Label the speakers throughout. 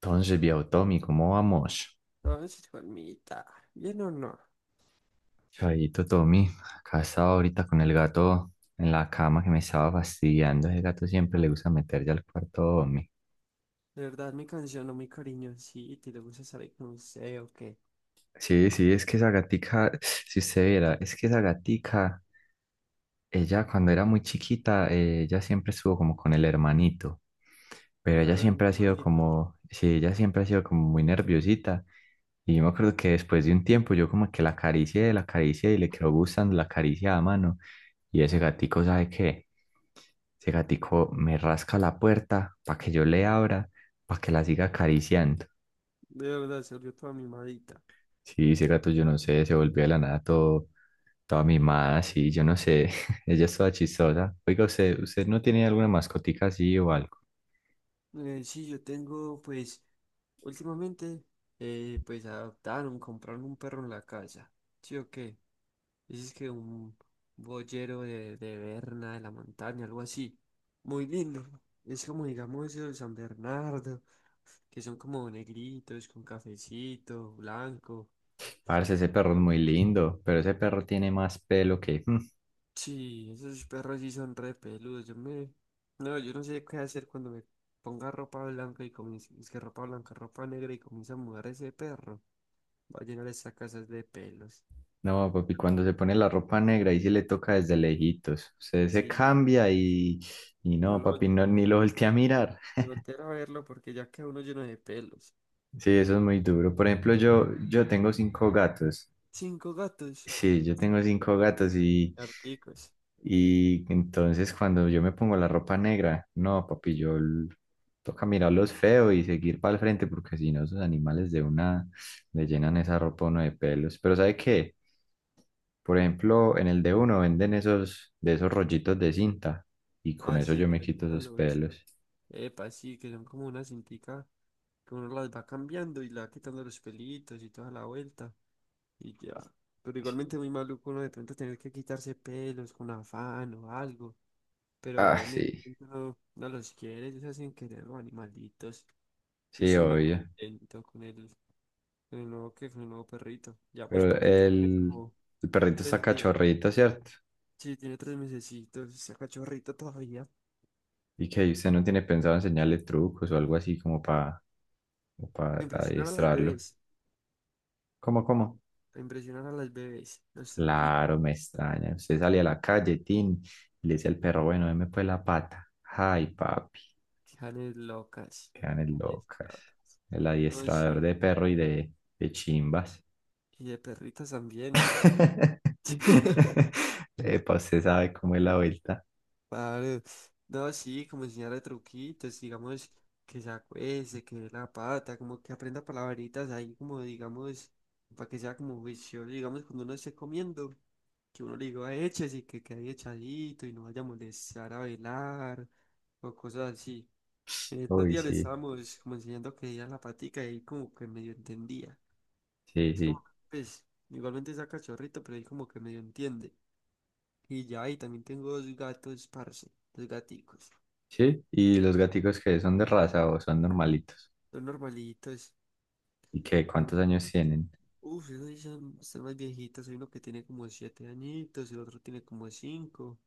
Speaker 1: Entonces, viejo Tommy, ¿cómo vamos?
Speaker 2: No, es Juanmita. ¿Bien o no?
Speaker 1: Chavito Tommy, acá estaba ahorita con el gato en la cama que me estaba fastidiando. Ese gato siempre le gusta meter ya al cuarto Tommy.
Speaker 2: De verdad, mi canción o mi cariñoncito, te le gusta salir con usted o qué.
Speaker 1: Sí, sí, es que esa gatica, si usted viera, es que esa gatica, ella cuando era muy chiquita, ella siempre estuvo como con el hermanito, pero ella
Speaker 2: Bueno, mi
Speaker 1: siempre ha sido
Speaker 2: hermanito,
Speaker 1: como, sí, ella siempre ha sido como muy nerviosita. Y yo me acuerdo que después de un tiempo yo como que la acaricié y le quedó gustando la caricia a mano. Y ese gatico, ¿sabe qué? Ese gatico me rasca la puerta para que yo le abra, para que la siga acariciando.
Speaker 2: de verdad, se volvió toda mimadita.
Speaker 1: Sí, ese gato, yo no sé, se volvió de la nada todo, toda mimada, sí, yo no sé. Ella es toda chistosa. Oiga, ¿usted no tiene alguna mascotica así o algo?
Speaker 2: Sí, yo tengo, pues, últimamente, pues, adoptaron, compraron un perro en la casa. ¿Sí o qué? Dices que un boyero de Berna, de la montaña, algo así. Muy lindo. Es como, digamos, el San Bernardo, que son como negritos, con cafecito, blanco.
Speaker 1: Parce, ese perro es muy lindo, pero ese perro tiene más pelo que.
Speaker 2: Sí, esos perros sí son re peludos. Yo me... No, yo no sé qué hacer cuando me ponga ropa blanca y comience... Es que ropa blanca, ropa negra y comienza a mudar ese perro. Va a llenar esa casa de pelos.
Speaker 1: No, papi, cuando se pone la ropa negra, ahí sí le toca desde lejitos. Usted se
Speaker 2: Sí,
Speaker 1: cambia y. Y
Speaker 2: y no
Speaker 1: no,
Speaker 2: lo vol-
Speaker 1: papi, no, ni lo voltea a mirar.
Speaker 2: y voltear a verlo porque ya queda uno lleno de pelos.
Speaker 1: Sí, eso es muy duro. Por ejemplo, yo tengo cinco gatos.
Speaker 2: Cinco gatos,
Speaker 1: Sí, yo tengo cinco gatos
Speaker 2: articos.
Speaker 1: y entonces cuando yo me pongo la ropa negra, no, papi, toca mirarlos feo y seguir para el frente porque si no, esos animales de una le llenan esa ropa a uno de pelos. Pero ¿sabe qué? Por ejemplo, en el de uno venden esos, de esos rollitos de cinta y con
Speaker 2: Ah,
Speaker 1: eso
Speaker 2: sí,
Speaker 1: yo
Speaker 2: que
Speaker 1: me
Speaker 2: le
Speaker 1: quito
Speaker 2: quitan
Speaker 1: esos
Speaker 2: los...
Speaker 1: pelos.
Speaker 2: Epa, sí, que son como una cintica que uno las va cambiando y le va quitando los pelitos y toda la vuelta. Y ya. Pero
Speaker 1: Sí.
Speaker 2: igualmente muy maluco uno de pronto tener que quitarse pelos con afán o algo. Pero
Speaker 1: Ah,
Speaker 2: bueno, igualmente
Speaker 1: sí,
Speaker 2: uno no los quiere, ellos hacen querer los animalitos. Yo
Speaker 1: sí,
Speaker 2: soy muy
Speaker 1: obvio.
Speaker 2: contento con el nuevo que, con el nuevo perrito. Llevamos
Speaker 1: Pero
Speaker 2: poquito con él,
Speaker 1: el,
Speaker 2: como
Speaker 1: el perrito está
Speaker 2: tres días.
Speaker 1: cachorrito, ¿cierto?
Speaker 2: Sí, tiene tres mesecitos, está cachorrito todavía.
Speaker 1: Y que usted no tiene pensado enseñarle trucos o algo así como para
Speaker 2: A
Speaker 1: para
Speaker 2: impresionar a las
Speaker 1: adiestrarlo.
Speaker 2: bebés,
Speaker 1: ¿Cómo, cómo?
Speaker 2: a impresionar a las bebés, los truquitos,
Speaker 1: Claro, me extraña. Usted sale a la calle, Tin, y le dice al perro, bueno, deme pues la pata. Ay, papi,
Speaker 2: janes locas.
Speaker 1: quedan es
Speaker 2: Janes
Speaker 1: locas.
Speaker 2: locas.
Speaker 1: El
Speaker 2: No,
Speaker 1: adiestrador
Speaker 2: sí,
Speaker 1: de perro y de chimbas.
Speaker 2: y de perritas también.
Speaker 1: Epa, usted sabe cómo es la vuelta.
Speaker 2: Claro, no, sí, como enseñarle truquitos, digamos, que se acueste, que dé la pata, como que aprenda palabritas ahí, como digamos, para que sea como juicioso, digamos, cuando uno esté comiendo, que uno le diga eches y que quede echadito y no vaya a molestar a velar o cosas así. En estos
Speaker 1: Uy,
Speaker 2: días le
Speaker 1: sí,
Speaker 2: estábamos como enseñando que diera la patica y ahí como que medio entendía.
Speaker 1: sí,
Speaker 2: Es
Speaker 1: sí.
Speaker 2: como, que, pues, igualmente saca cachorrito, pero ahí como que medio entiende. Y ya, y también tengo dos gatos, parce, dos gaticos.
Speaker 1: Sí, y los gaticos que son de raza o son normalitos.
Speaker 2: Son normalitos.
Speaker 1: ¿Y qué? ¿Cuántos años tienen?
Speaker 2: Uf, esos sí son, están más viejitos. Hay uno que tiene como siete añitos, el otro tiene como cinco.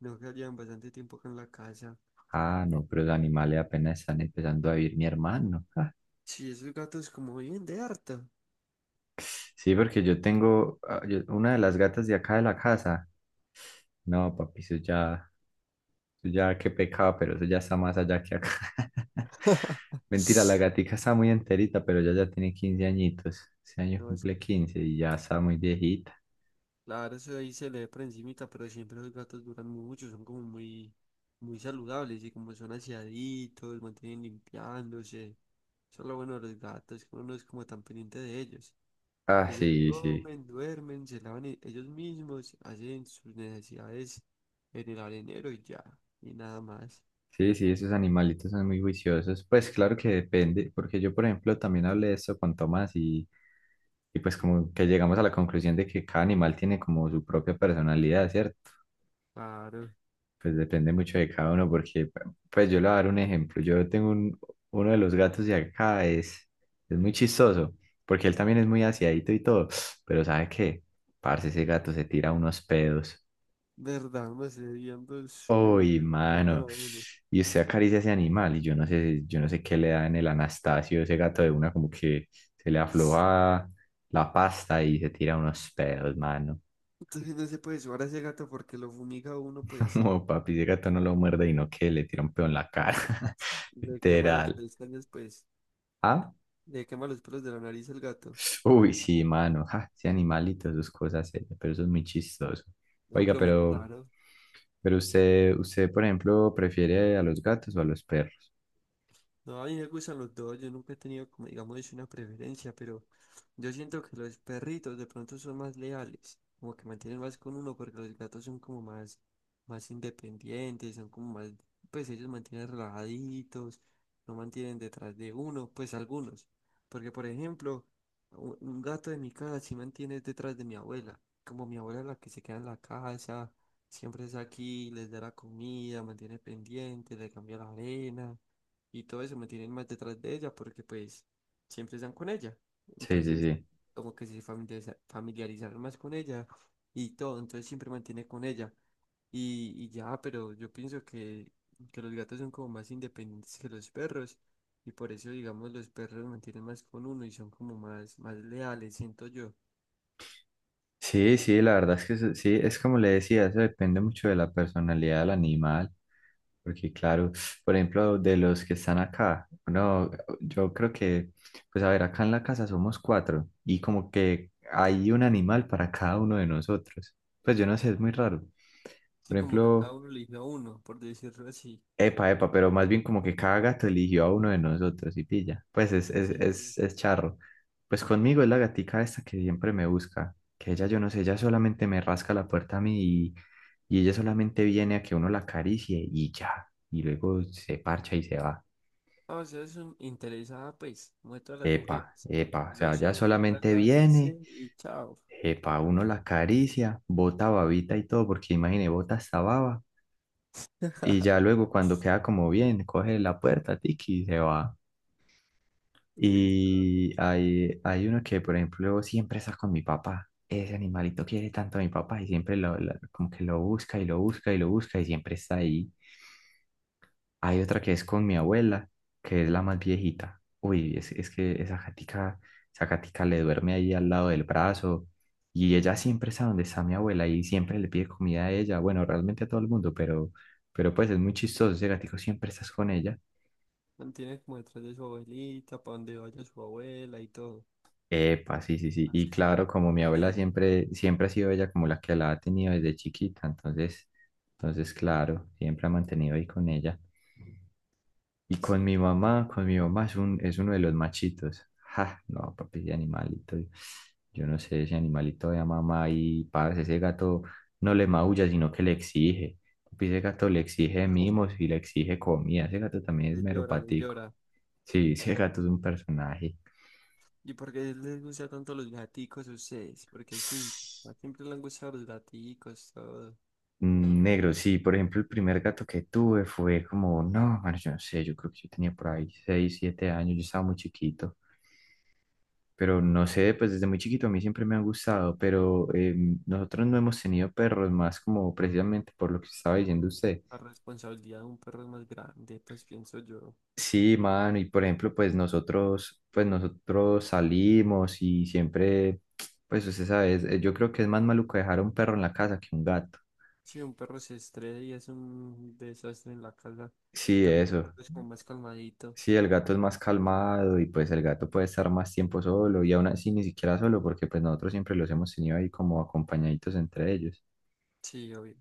Speaker 2: No, que llevan bastante tiempo acá en la casa.
Speaker 1: Ah, no, pero los animales apenas están empezando a vivir mi hermano. Ah,
Speaker 2: Sí, esos gatos como viven de harta.
Speaker 1: sí, porque yo tengo una de las gatas de acá de la casa. No, papi, eso ya qué pecado, pero eso ya está más allá que acá. Mentira, la gatica está muy enterita, pero ella ya tiene 15 añitos. Ese año
Speaker 2: No, es
Speaker 1: cumple
Speaker 2: que,
Speaker 1: 15 y ya está muy viejita.
Speaker 2: claro, eso ahí se le ve por encimita, pero siempre los gatos duran mucho, son como muy, muy saludables y como son aseaditos, mantienen limpiándose. Eso es lo bueno de los gatos, que uno no es como tan pendiente de ellos.
Speaker 1: Ah,
Speaker 2: Ellos
Speaker 1: sí, sí.
Speaker 2: comen, duermen, se lavan e- ellos mismos, hacen sus necesidades en el arenero y ya, y nada más.
Speaker 1: Sí, sí, esos animalitos son muy juiciosos. Pues claro que depende, porque yo, por ejemplo, también hablé de esto con Tomás y pues como que llegamos a la conclusión de que cada animal tiene como su propia personalidad, ¿cierto?
Speaker 2: Claro,
Speaker 1: Pues depende mucho de cada uno, porque, pues yo le voy a dar un ejemplo. Yo tengo uno de los gatos de acá, es muy chistoso, porque él también es muy aseadito y todo, pero ¿sabe qué? Parce, ese gato se tira unos pedos.
Speaker 2: verdad, unos hediondos, pero
Speaker 1: Uy,
Speaker 2: que lo matan
Speaker 1: mano.
Speaker 2: a uno.
Speaker 1: Y usted acaricia ese animal, y yo no sé qué le da en el Anastasio, ese gato de una, como que se le afloja la pasta y se tira unos pedos, mano.
Speaker 2: Entonces no se puede llevar a ese gato porque lo fumiga a uno, pues,
Speaker 1: Como papi, ese gato no lo muerde y no que le tira un pedo en la cara.
Speaker 2: le quema las
Speaker 1: Literal.
Speaker 2: pestañas, pues,
Speaker 1: ¿Ah?
Speaker 2: le quema los pelos de la nariz al gato.
Speaker 1: Uy, sí, mano, ja, ese animalito, sus cosas, pero eso es muy chistoso.
Speaker 2: No,
Speaker 1: Oiga,
Speaker 2: pero muy
Speaker 1: pero,
Speaker 2: raro.
Speaker 1: pero usted, por ejemplo, prefiere a los gatos o a los perros.
Speaker 2: No, a mí me gustan los dos, yo nunca he tenido como digamos es una preferencia, pero yo siento que los perritos de pronto son más leales, como que mantienen más con uno porque los gatos son como más, más independientes, son como más, pues ellos mantienen relajaditos, no mantienen detrás de uno, pues algunos, porque por ejemplo, u- un gato de mi casa sí mantiene detrás de mi abuela, como mi abuela es la que se queda en la casa, siempre es aquí, les da la comida, mantiene pendiente, le cambia la arena y todo eso me tienen más detrás de ella porque pues siempre están con ella.
Speaker 1: Sí, sí,
Speaker 2: Entonces,
Speaker 1: sí.
Speaker 2: como que se familiariza- familiarizaron más con ella y todo, entonces siempre mantiene con ella. Y ya, pero yo pienso que los gatos son como más independientes que los perros y por eso, digamos, los perros mantienen más con uno y son como más, más leales, siento yo.
Speaker 1: Sí, sí, la verdad es que sí, es como le decía, eso depende mucho de la personalidad del animal, porque claro, por ejemplo, de los que están acá, no, yo creo que, pues a ver, acá en la casa somos cuatro y como que hay un animal para cada uno de nosotros. Pues yo no sé, es muy raro.
Speaker 2: Sí,
Speaker 1: Por
Speaker 2: como que cada
Speaker 1: ejemplo,
Speaker 2: uno elige a uno, por decirlo así.
Speaker 1: epa, epa, pero más bien como que cada gato eligió a uno de nosotros y pilla. Pues es, es,
Speaker 2: Sí, sí, sí.
Speaker 1: es, es charro. Pues conmigo es la gatica esta que siempre me busca, que ella yo no sé, ella solamente me rasca la puerta a mí y ella solamente viene a que uno la acaricie y ya, y luego se parcha y se va.
Speaker 2: Ah, o sea, es un- interesada, pues, muestra a las
Speaker 1: Epa,
Speaker 2: mujeres.
Speaker 1: epa, o
Speaker 2: Lo
Speaker 1: sea, ella
Speaker 2: soy, que la
Speaker 1: solamente viene,
Speaker 2: acaricien y chao.
Speaker 1: epa, uno la acaricia, bota babita y todo, porque imagine, bota hasta baba y ya luego cuando queda como bien, coge la puerta, tiki, y se va.
Speaker 2: Uy,
Speaker 1: Y hay uno que, por ejemplo, siempre está con mi papá. Ese animalito quiere tanto a mi papá y siempre como que lo busca y lo busca y lo busca y siempre está ahí. Hay otra que es con mi abuela, que es la más viejita. Uy, es que esa gatica le duerme ahí al lado del brazo y ella siempre está donde está mi abuela y siempre le pide comida a ella. Bueno, realmente a todo el mundo, pero pues es muy chistoso. Ese gatico siempre estás con ella.
Speaker 2: mantiene como detrás de su abuelita, para donde vaya su abuela y todo.
Speaker 1: Epa, sí, sí, sí. Y
Speaker 2: Así se le
Speaker 1: claro, como mi
Speaker 2: le
Speaker 1: abuela
Speaker 2: digo.
Speaker 1: siempre, siempre ha sido ella como la que la ha tenido desde chiquita, entonces, claro, siempre ha mantenido ahí con ella. Y con
Speaker 2: Sí,
Speaker 1: mi mamá, con mi mamá es es uno de los machitos. Ja, no, papi, ese animalito. Yo no sé, ese animalito de mamá y parce, ese gato no le maulla, sino que le exige. Papi, ese gato le exige mimos y le exige comida. Ese gato también es
Speaker 2: le
Speaker 1: mero
Speaker 2: llora, le
Speaker 1: patico.
Speaker 2: llora.
Speaker 1: Sí, ese gato es un personaje.
Speaker 2: ¿Y por qué les gusta tanto los gaticos a ustedes? Porque sí, a siempre les han gustado los gaticos, todo.
Speaker 1: Negro, sí, por ejemplo, el primer gato que tuve fue como, no, mano yo no sé, yo creo que yo tenía por ahí 6 7 años, yo estaba muy chiquito, pero no sé, pues desde muy chiquito a mí siempre me han gustado, pero nosotros no hemos tenido perros más como precisamente por lo que estaba diciendo usted.
Speaker 2: La responsabilidad de un perro es más grande, pues pienso yo.
Speaker 1: Sí, mano, y por ejemplo, pues nosotros salimos y siempre, pues usted sabe, yo creo que es más maluco dejar a un perro en la casa que un gato.
Speaker 2: Sí, un perro se estresa y es un desastre en la casa. En
Speaker 1: Sí,
Speaker 2: cambio, el
Speaker 1: eso.
Speaker 2: gatito es como más calmadito.
Speaker 1: Sí, el gato es más calmado y pues el gato puede estar más tiempo solo y aún así ni siquiera solo porque pues nosotros siempre los hemos tenido ahí como acompañaditos entre ellos.
Speaker 2: Sí, obvio.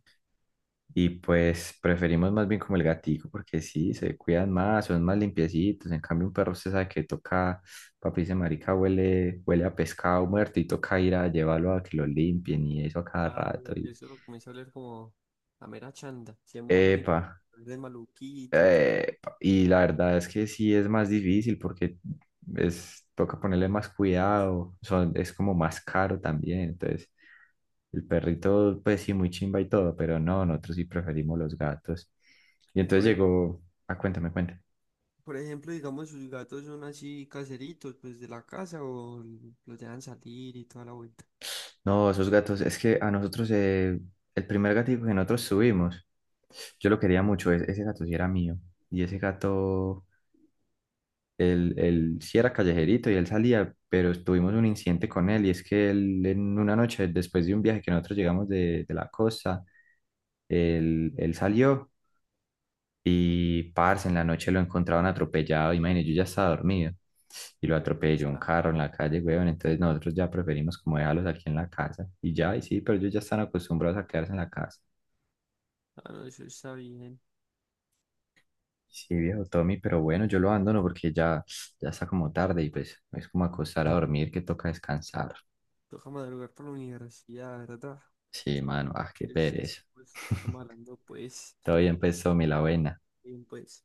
Speaker 1: Y pues preferimos más bien como el gatico porque sí, se cuidan más, son más limpiecitos. En cambio un perro usted sabe que toca, papi dice marica, huele, huele a pescado muerto y toca ir a llevarlo a que lo limpien y eso a cada rato.
Speaker 2: Claro, que
Speaker 1: Y.
Speaker 2: eso comienza a oler como a mera chanda. Se mojan y
Speaker 1: Epa.
Speaker 2: de maluquita y todo.
Speaker 1: Y la verdad es que sí es más difícil porque es, toca ponerle más cuidado, son, es como más caro también. Entonces, el perrito, pues sí, muy chimba y todo, pero no, nosotros sí preferimos los gatos. Y
Speaker 2: Y
Speaker 1: entonces
Speaker 2: por, ej-
Speaker 1: llegó, ah, cuéntame, cuéntame.
Speaker 2: por ejemplo, digamos, sus gatos son así caseritos, pues de la casa o los dejan salir y toda la vuelta.
Speaker 1: No, esos gatos, es que a nosotros, el primer gatito que nosotros subimos, yo lo quería mucho, ese gato sí era mío. Y ese gato. Él sí era callejerito y él salía, pero tuvimos un incidente con él y es que él en una noche, después de un viaje que nosotros llegamos de la costa, él salió y parce, en la noche lo encontraron atropellado, imagínate, yo ya estaba dormido y lo
Speaker 2: Yo pe-
Speaker 1: atropelló un
Speaker 2: ah,
Speaker 1: carro en la calle, weón, entonces nosotros ya preferimos como dejarlos aquí en la casa y ya, y sí, pero ellos ya están acostumbrados a quedarse en la casa.
Speaker 2: ah, no, eso está bien.
Speaker 1: Sí, viejo Tommy, pero bueno, yo lo abandono porque ya está como tarde y pues es como acostar a dormir que toca descansar.
Speaker 2: Toca madrugar para la universidad, ¿verdad?
Speaker 1: Sí, mano, ah, qué
Speaker 2: El sí, es,
Speaker 1: pereza.
Speaker 2: pues, estamos hablando, pues,
Speaker 1: Todo bien, pues, Tommy, la buena.
Speaker 2: bien, pues.